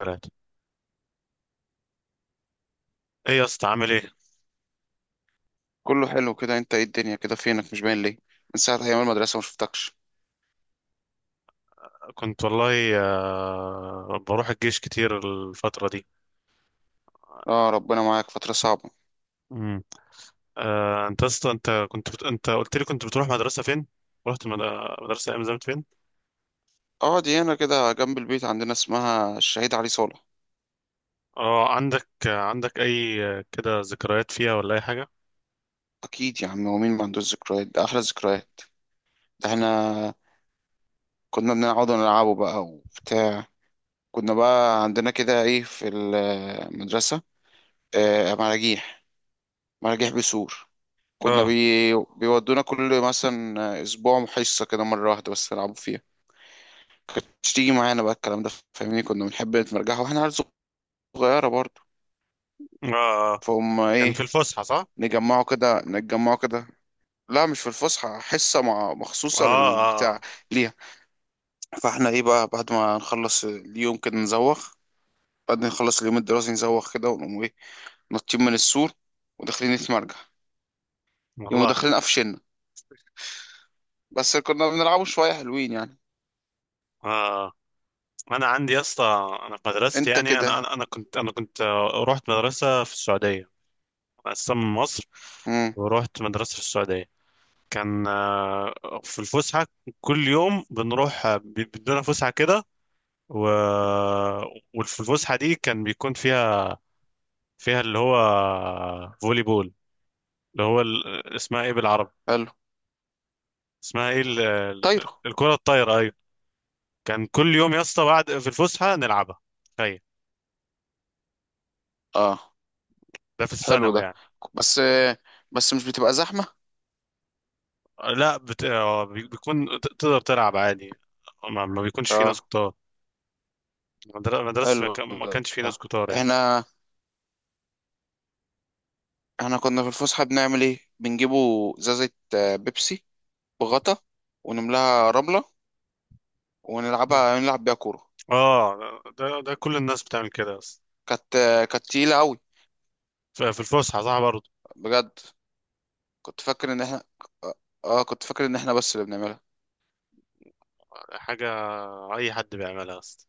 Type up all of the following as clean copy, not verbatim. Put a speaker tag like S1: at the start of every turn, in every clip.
S1: ثلاثة. ايه يا اسطى، عامل ايه؟
S2: كله حلو كده، انت ايه؟ الدنيا كده، فينك مش باين ليه؟ من ساعة ايام المدرسة ما شفتكش.
S1: كنت والله، بروح الجيش كتير الفترة دي.
S2: اه، ربنا معاك، فترة صعبة.
S1: امم. انت يا اسطى، انت قلت لي كنت بتروح مدرسة فين؟ رحت مدرسة ايام زمان فين؟
S2: اه، دي هنا كده جنب البيت عندنا، اسمها الشهيد علي صالح.
S1: اه، عندك اي كده ذكريات فيها ولا اي حاجة؟
S2: اكيد يا عم، ومين ما عندوش ذكريات؟ ده احلى ذكريات. ده احنا كنا بنقعد نلعبه بقى وبتاع. كنا بقى عندنا كده ايه في المدرسة؟ مراجيح. مراجيح بيسور. كنا بي...
S1: اه،
S2: بيودونا كل مثلا اسبوع حصة كده، مرة واحدة بس نلعبوا فيها. كانتش تيجي معانا بقى الكلام ده، فاهمني؟ كنا بنحب نتمرجح واحنا عيال صغيرة برضو.
S1: اه، آه.
S2: فهم
S1: كان في
S2: ايه.
S1: الفسحة، صح؟
S2: نجمعوا كده نتجمعوا كده. لا، مش في الفسحة، حصة مع
S1: اه،
S2: مخصوصة
S1: اه،
S2: للبتاع ليها. فاحنا ايه بقى؟ بعد ما نخلص اليوم الدراسي نزوغ كده، ونقوم ايه؟ نطين من السور وداخلين نتمرجح. يقوموا
S1: والله،
S2: داخلين قفشنا. بس كنا بنلعبوا شوية، حلوين يعني.
S1: اه. انا عندي يا اسطى، انا في مدرستي
S2: انت
S1: يعني انا
S2: كده.
S1: انا أنا كنت انا كنت آه، رحت مدرسة في السعودية. انا اصلا من مصر،
S2: امم.
S1: ورحت مدرسة في السعودية. كان في الفسحة، كل يوم بنروح بيدونا فسحة كده، و... وفي الفسحة دي كان بيكون فيها اللي هو فولي بول، اللي هو اسمها ايه بالعربي؟
S2: حلو.
S1: اسمها ايه
S2: طايرة.
S1: الكرة الطايرة، ايوه. كان كل يوم يا اسطى بعد في الفسحة نلعبها، تخيل.
S2: اه،
S1: ده في
S2: حلو
S1: الثانوي
S2: ده.
S1: يعني.
S2: بس، بس مش بتبقى زحمة؟
S1: لا، بيكون تقدر تلعب عادي، ما بيكونش في ناس
S2: اه،
S1: كتار. مدرسة
S2: حلو
S1: ما
S2: ده،
S1: كانش في
S2: آه.
S1: ناس كتار يعني.
S2: احنا احنا كنا في الفسحة بنعمل ايه؟ بنجيبوا ازازة بيبسي بغطا، ونملاها رملة، نلعب بيها كورة.
S1: اه، ده كل الناس بتعمل كده، بس
S2: كانت تقيلة قوي،
S1: في الفسحه، صح برضه؟
S2: بجد. كنت فاكر ان احنا اه كنت فاكر ان احنا بس اللي بنعملها.
S1: حاجه، اي حد بيعملها اصلا.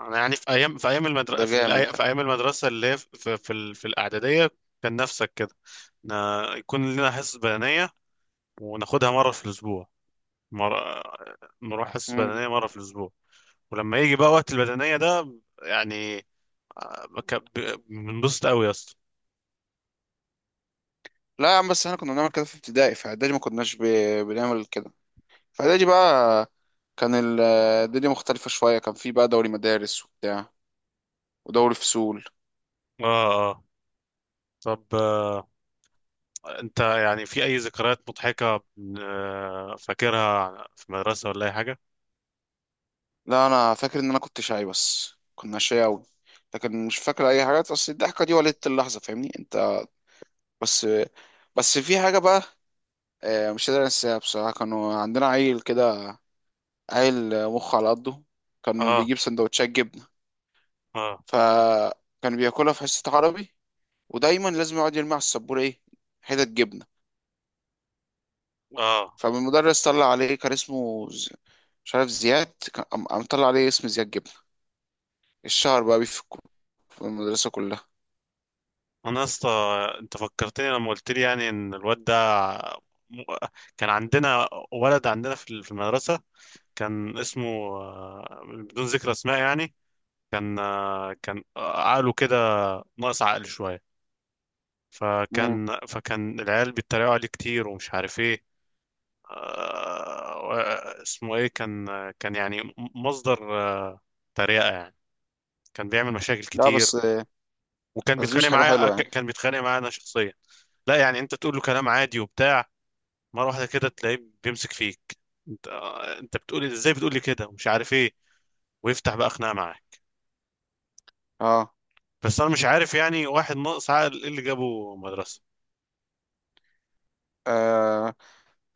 S1: انا يعني في ايام
S2: ده
S1: المدرسه،
S2: جامد ده.
S1: في ايام المدرسه اللي هي في الاعداديه، كان نفسك كده يكون لنا حصص بدنيه، وناخدها مره في الاسبوع. مرة، نروح حصص
S2: مم.
S1: بدنيه مره في الاسبوع. ولما يجي بقى وقت البدنيه ده، يعني بنبسط قوي يا اسطى.
S2: لا يا عم، بس احنا كنا بنعمل كده في ابتدائي، في اعدادي ما كناش بنعمل كده. في اعدادي بقى كان الدنيا مختلفة شوية، كان في بقى دوري مدارس وبتاع، ودوري فصول.
S1: اه، اه. طب، انت يعني في اي ذكريات مضحكة، فاكرها في المدرسة ولا اي حاجة؟
S2: لا، انا فاكر ان انا كنت شاي، بس كنا شاي قوي، لكن مش فاكر اي حاجات، اصل الضحكه دي ولدت اللحظه، فاهمني انت. بس، بس في حاجه بقى مش قادر انساها بصراحه. كانوا عندنا عيل كده، عيل مخ على قده. كان
S1: اه،
S2: بيجيب سندوتشات جبنه،
S1: اه،
S2: فكان بياكلها في حصه عربي، ودايما لازم يقعد يرمي على السبوره ايه، حتت جبنه.
S1: اه،
S2: فالمدرس طلع عليه، كان اسمه مش عارف، زياد. كان قام طلع عليه اسم زياد جبنه، الشهر بقى بيه في في المدرسه كلها.
S1: انا يا اسطى، انت فكرتني لما قلت لي يعني ان الواد ده، م- كان عندنا ولد عندنا في المدرسة. كان اسمه، بدون ذكر اسماء يعني، كان عقله كده ناقص عقل شوية.
S2: مم.
S1: فكان العيال بيتريقوا عليه كتير ومش عارف ايه. اسمه ايه كان؟ كان يعني مصدر تريقة يعني، كان بيعمل مشاكل
S2: لا،
S1: كتير،
S2: بس،
S1: وكان
S2: بس دي مش
S1: بيتخانق
S2: حاجة
S1: معايا،
S2: حلوة يعني.
S1: كان بيتخانق معايا انا شخصيا. لا يعني، انت تقول له كلام عادي وبتاع، مرة واحدة كده تلاقيه بيمسك فيك، انت بتقول إيه؟ ازاي بتقول لي كده ومش عارف ايه، ويفتح بقى خناقة معايا.
S2: اه.
S1: بس انا مش عارف يعني، واحد ناقص عقل ايه اللي جابه مدرسة؟
S2: آه.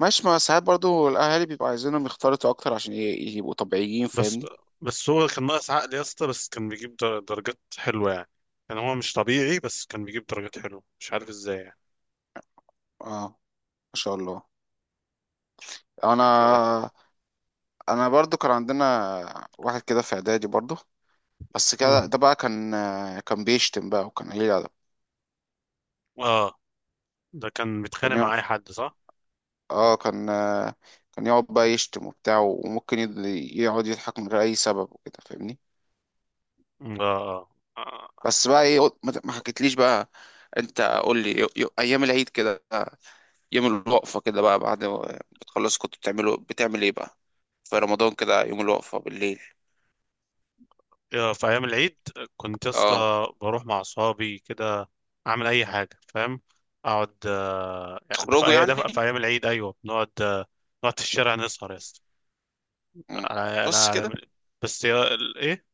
S2: ماشي، ما ساعات برضو الأهالي بيبقوا عايزينهم يختلطوا أكتر عشان يبقوا طبيعيين،
S1: بس
S2: فاهمني.
S1: بس هو كان ناقص عقل يا اسطى، بس كان بيجيب درجات حلوة يعني. كان هو مش طبيعي، بس كان بيجيب درجات حلوة، مش عارف ازاي يعني.
S2: اه، ما شاء الله.
S1: كده.
S2: أنا أنا برضو كان عندنا واحد كده في إعدادي برضو، بس كده.
S1: مم.
S2: ده بقى كان بيشتم بقى، وكان قليل أدب.
S1: اه، ده كان
S2: كان
S1: بيتخانق
S2: يقعد،
S1: مع اي حد، صح؟
S2: اه، كان يقعد بقى يشتم وبتاع، وممكن يقعد يضحك من غير أي سبب وكده، فاهمني.
S1: مم. آه. آه.
S2: بس بقى إيه، ما حكيتليش بقى. أنت قول لي، أيام العيد كده، يوم الوقفة كده بقى، بعد ما بتخلص كنت بتعمل ايه بقى؟ في رمضان كده، يوم الوقفة بالليل؟
S1: في ايام العيد كنت يا
S2: اه.
S1: اسطى بروح مع اصحابي كده، اعمل اي حاجه، فاهم؟ اقعد،
S2: تخرجوا
S1: ده
S2: يعني؟
S1: في ايام العيد، ايوه، بنقعد آه، نقعد في الشارع نسهر يا اسطى.
S2: مم.
S1: أنا-
S2: بس كده.
S1: أنا- أنا- ايه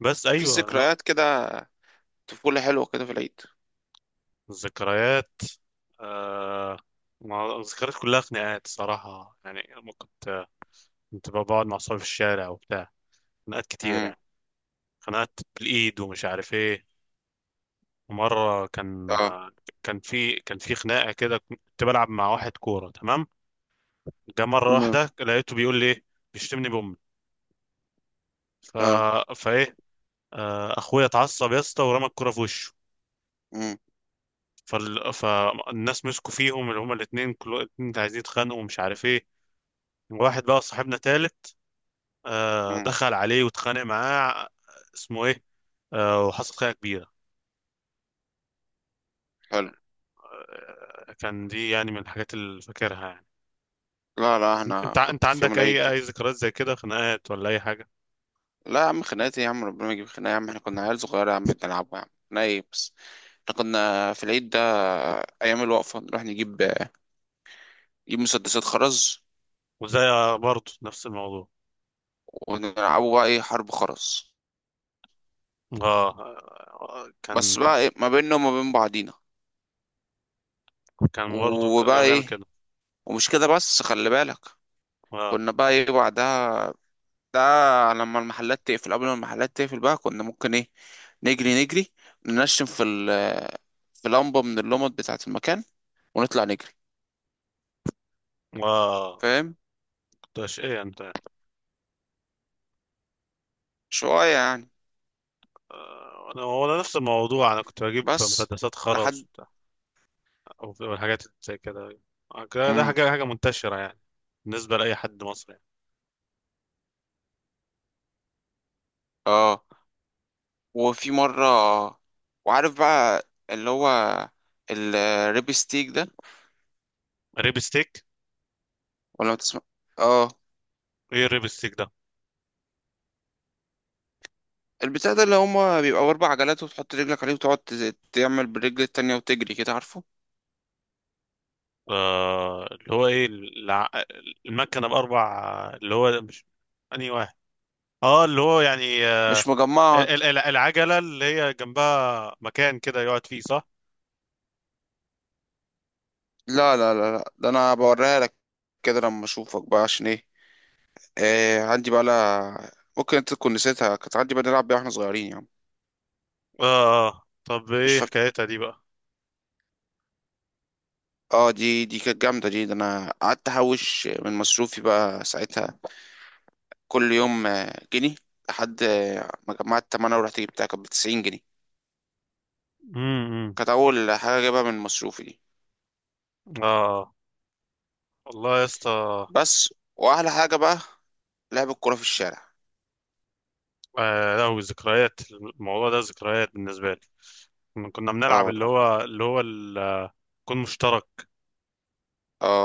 S1: بس
S2: في
S1: ايوه نق-
S2: ذكريات كده، طفولة حلوة كده في العيد.
S1: الذكريات آه ما- الذكريات كلها خناقات صراحه يعني. لما كنت بقعد مع اصحابي في الشارع وبتاع، خناقات كتير
S2: مم.
S1: يعني. خناقات بالايد ومش عارف ايه، ومره كان،
S2: اه.
S1: كان في خناقه كده، كنت بلعب مع واحد كوره، تمام. جه مره واحده
S2: تمام.
S1: لقيته بيقول لي إيه؟ بيشتمني بامي، ف
S2: اه.
S1: فايه، اخويا اتعصب يا اسطى ورمى الكوره في وشه.
S2: مم.
S1: فالناس مسكوا فيهم، اللي هما الاثنين، كل الاثنين عايزين يتخانقوا ومش عارف ايه. واحد بقى صاحبنا تالت،
S2: مم.
S1: دخل عليه واتخانق معاه، اسمه ايه، وحصل خناقه كبيره.
S2: حلو.
S1: كان دي يعني من الحاجات اللي فاكرها يعني.
S2: لا لا،
S1: انت
S2: احنا
S1: انت
S2: كنت في يوم
S1: عندك
S2: العيد
S1: اي
S2: ده.
S1: ذكريات زي كده، خناقات ولا اي حاجه؟
S2: لا يا عم، خناقات إيه يا عم؟ ربنا ما يجيب خناقة يا عم، احنا كنا عيال صغيرة يا عم بنلعبوا يا عم، خناقة ايه بس. احنا كنا في العيد ده، ايام الوقفة نروح نجيب، نجيب مسدسات خرز،
S1: وزي، برضه نفس الموضوع.
S2: ونلعبوا بقى ايه، حرب خرز،
S1: اه، آه، كان
S2: بس بقى ايه ما بيننا وما بين بعضينا،
S1: كان برضه
S2: وبقى
S1: كنا بنعمل
S2: ايه.
S1: كده.
S2: ومش كده بس، خلي بالك،
S1: اه،
S2: كنا بقى ايه بعدها، ده لما المحلات تقفل قبل ما المحلات تقفل بقى، كنا ممكن ايه، نجري ننشن في لمبة من اللمبات بتاعة المكان، ونطلع نجري،
S1: اه.
S2: فاهم؟
S1: كنت ايش، ايه انت؟
S2: شوية يعني.
S1: انا هو نفس الموضوع، انا كنت بجيب
S2: بس،
S1: مسدسات خرز
S2: لحد.
S1: وبتاع، او الحاجات زي كده. ده
S2: مم.
S1: حاجه منتشره يعني بالنسبه لاي حد مصري يعني.
S2: اه. وفي مرة، وعارف بقى اللي هو الريبستيك ده،
S1: ريب ستيك؟
S2: ولا ما تسمع؟ اه.
S1: ايه الريب ستيك ده؟
S2: البتاع ده، اللي هما بيبقوا أربع عجلات، وتحط رجلك عليه وتقعد تعمل بالرجل التانية وتجري كده، عارفه؟
S1: اللي هو ايه المكنه باربع، اللي هو مش، انهي واحد، اه اللي هو يعني
S2: مش مجمعة.
S1: العجلة اللي هي جنبها مكان كده يقعد فيه، صح؟
S2: لا لا لا لا، ده أنا بوريها لك كده لما أشوفك بقى، عشان إيه. آه عندي بقى. لا، ممكن أنت تكون نسيتها، كانت عندي بقى نلعب بيها وإحنا صغيرين يعني.
S1: اه، آه. طب،
S2: مش
S1: ايه
S2: فاكر.
S1: حكايتها دي بقى؟
S2: اه، دي كانت جامدة دي، ده أنا قعدت أحوش من مصروفي بقى ساعتها، كل يوم جنيه، لحد ما جمعت تمنها ورحت جبتها، كانت بتسعين جنيه.
S1: امم.
S2: كانت أول حاجة جايبها من مصروفي دي.
S1: اه والله يا اسطى.
S2: بس، وأحلى حاجة بقى لعب الكورة في الشارع.
S1: لا، ذكريات الموضوع ده ذكريات بالنسبة لي، كنا
S2: اه
S1: بنلعب اللي
S2: والله.
S1: هو اللي هو الكون مشترك،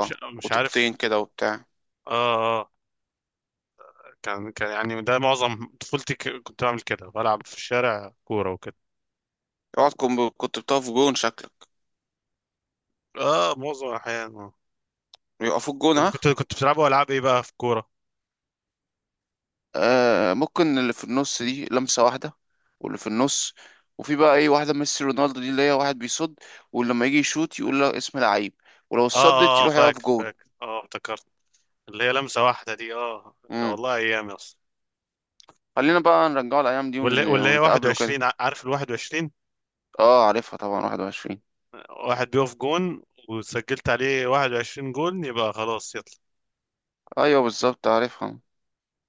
S1: مش, مش عارف.
S2: وطوبتين كده وبتاع.
S1: اه، اه، كان يعني ده معظم طفولتي، كنت بعمل كده، بلعب في الشارع كورة وكده.
S2: يقعد كنت بتقف جون شكلك،
S1: اه، معظم الأحيان. آه.
S2: بيقفوا الجون،
S1: كنت
S2: ها.
S1: كنت كنت بتلعبوا ألعاب ايه بقى في كورة؟
S2: ممكن اللي في النص دي لمسة واحدة، واللي في النص. وفي بقى ايه، واحدة ميسي رونالدو، دي اللي هي واحد بيصد، ولما يجي يشوط يقول له اسم لعيب، ولو
S1: اه،
S2: صدت
S1: اه، اه،
S2: يروح يقف
S1: فاكر
S2: جون.
S1: فاكر، اه افتكرت، اللي هي لمسة واحدة دي، اه، لا
S2: امم.
S1: والله، ايام يا اسطى.
S2: خلينا بقى نرجعه الأيام دي،
S1: واللي واللي هي
S2: ونتقابله كده.
S1: 21، عارف ال 21،
S2: اه، عارفها طبعا 21.
S1: واحد بيقف جون، وسجلت عليه 21 جون يبقى خلاص يطلع.
S2: ايوه بالظبط، عارفها.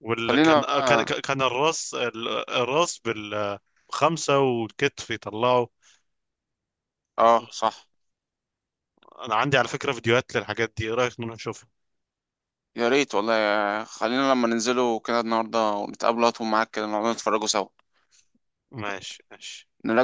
S1: واللي كان
S2: خلينا،
S1: آه، كان
S2: اه،
S1: كان الراس، الراس بالخمسة والكتف يطلعه.
S2: آه، صح.
S1: انا عندي على فكرة فيديوهات للحاجات دي، ايه رأيك نروح نشوفها؟
S2: يا ريت والله. خلينا لما ننزلوا كده النهارده ونتقابلوا، هاتوا معاك كده نقعد نتفرجوا سوا.
S1: ماشي ماشي.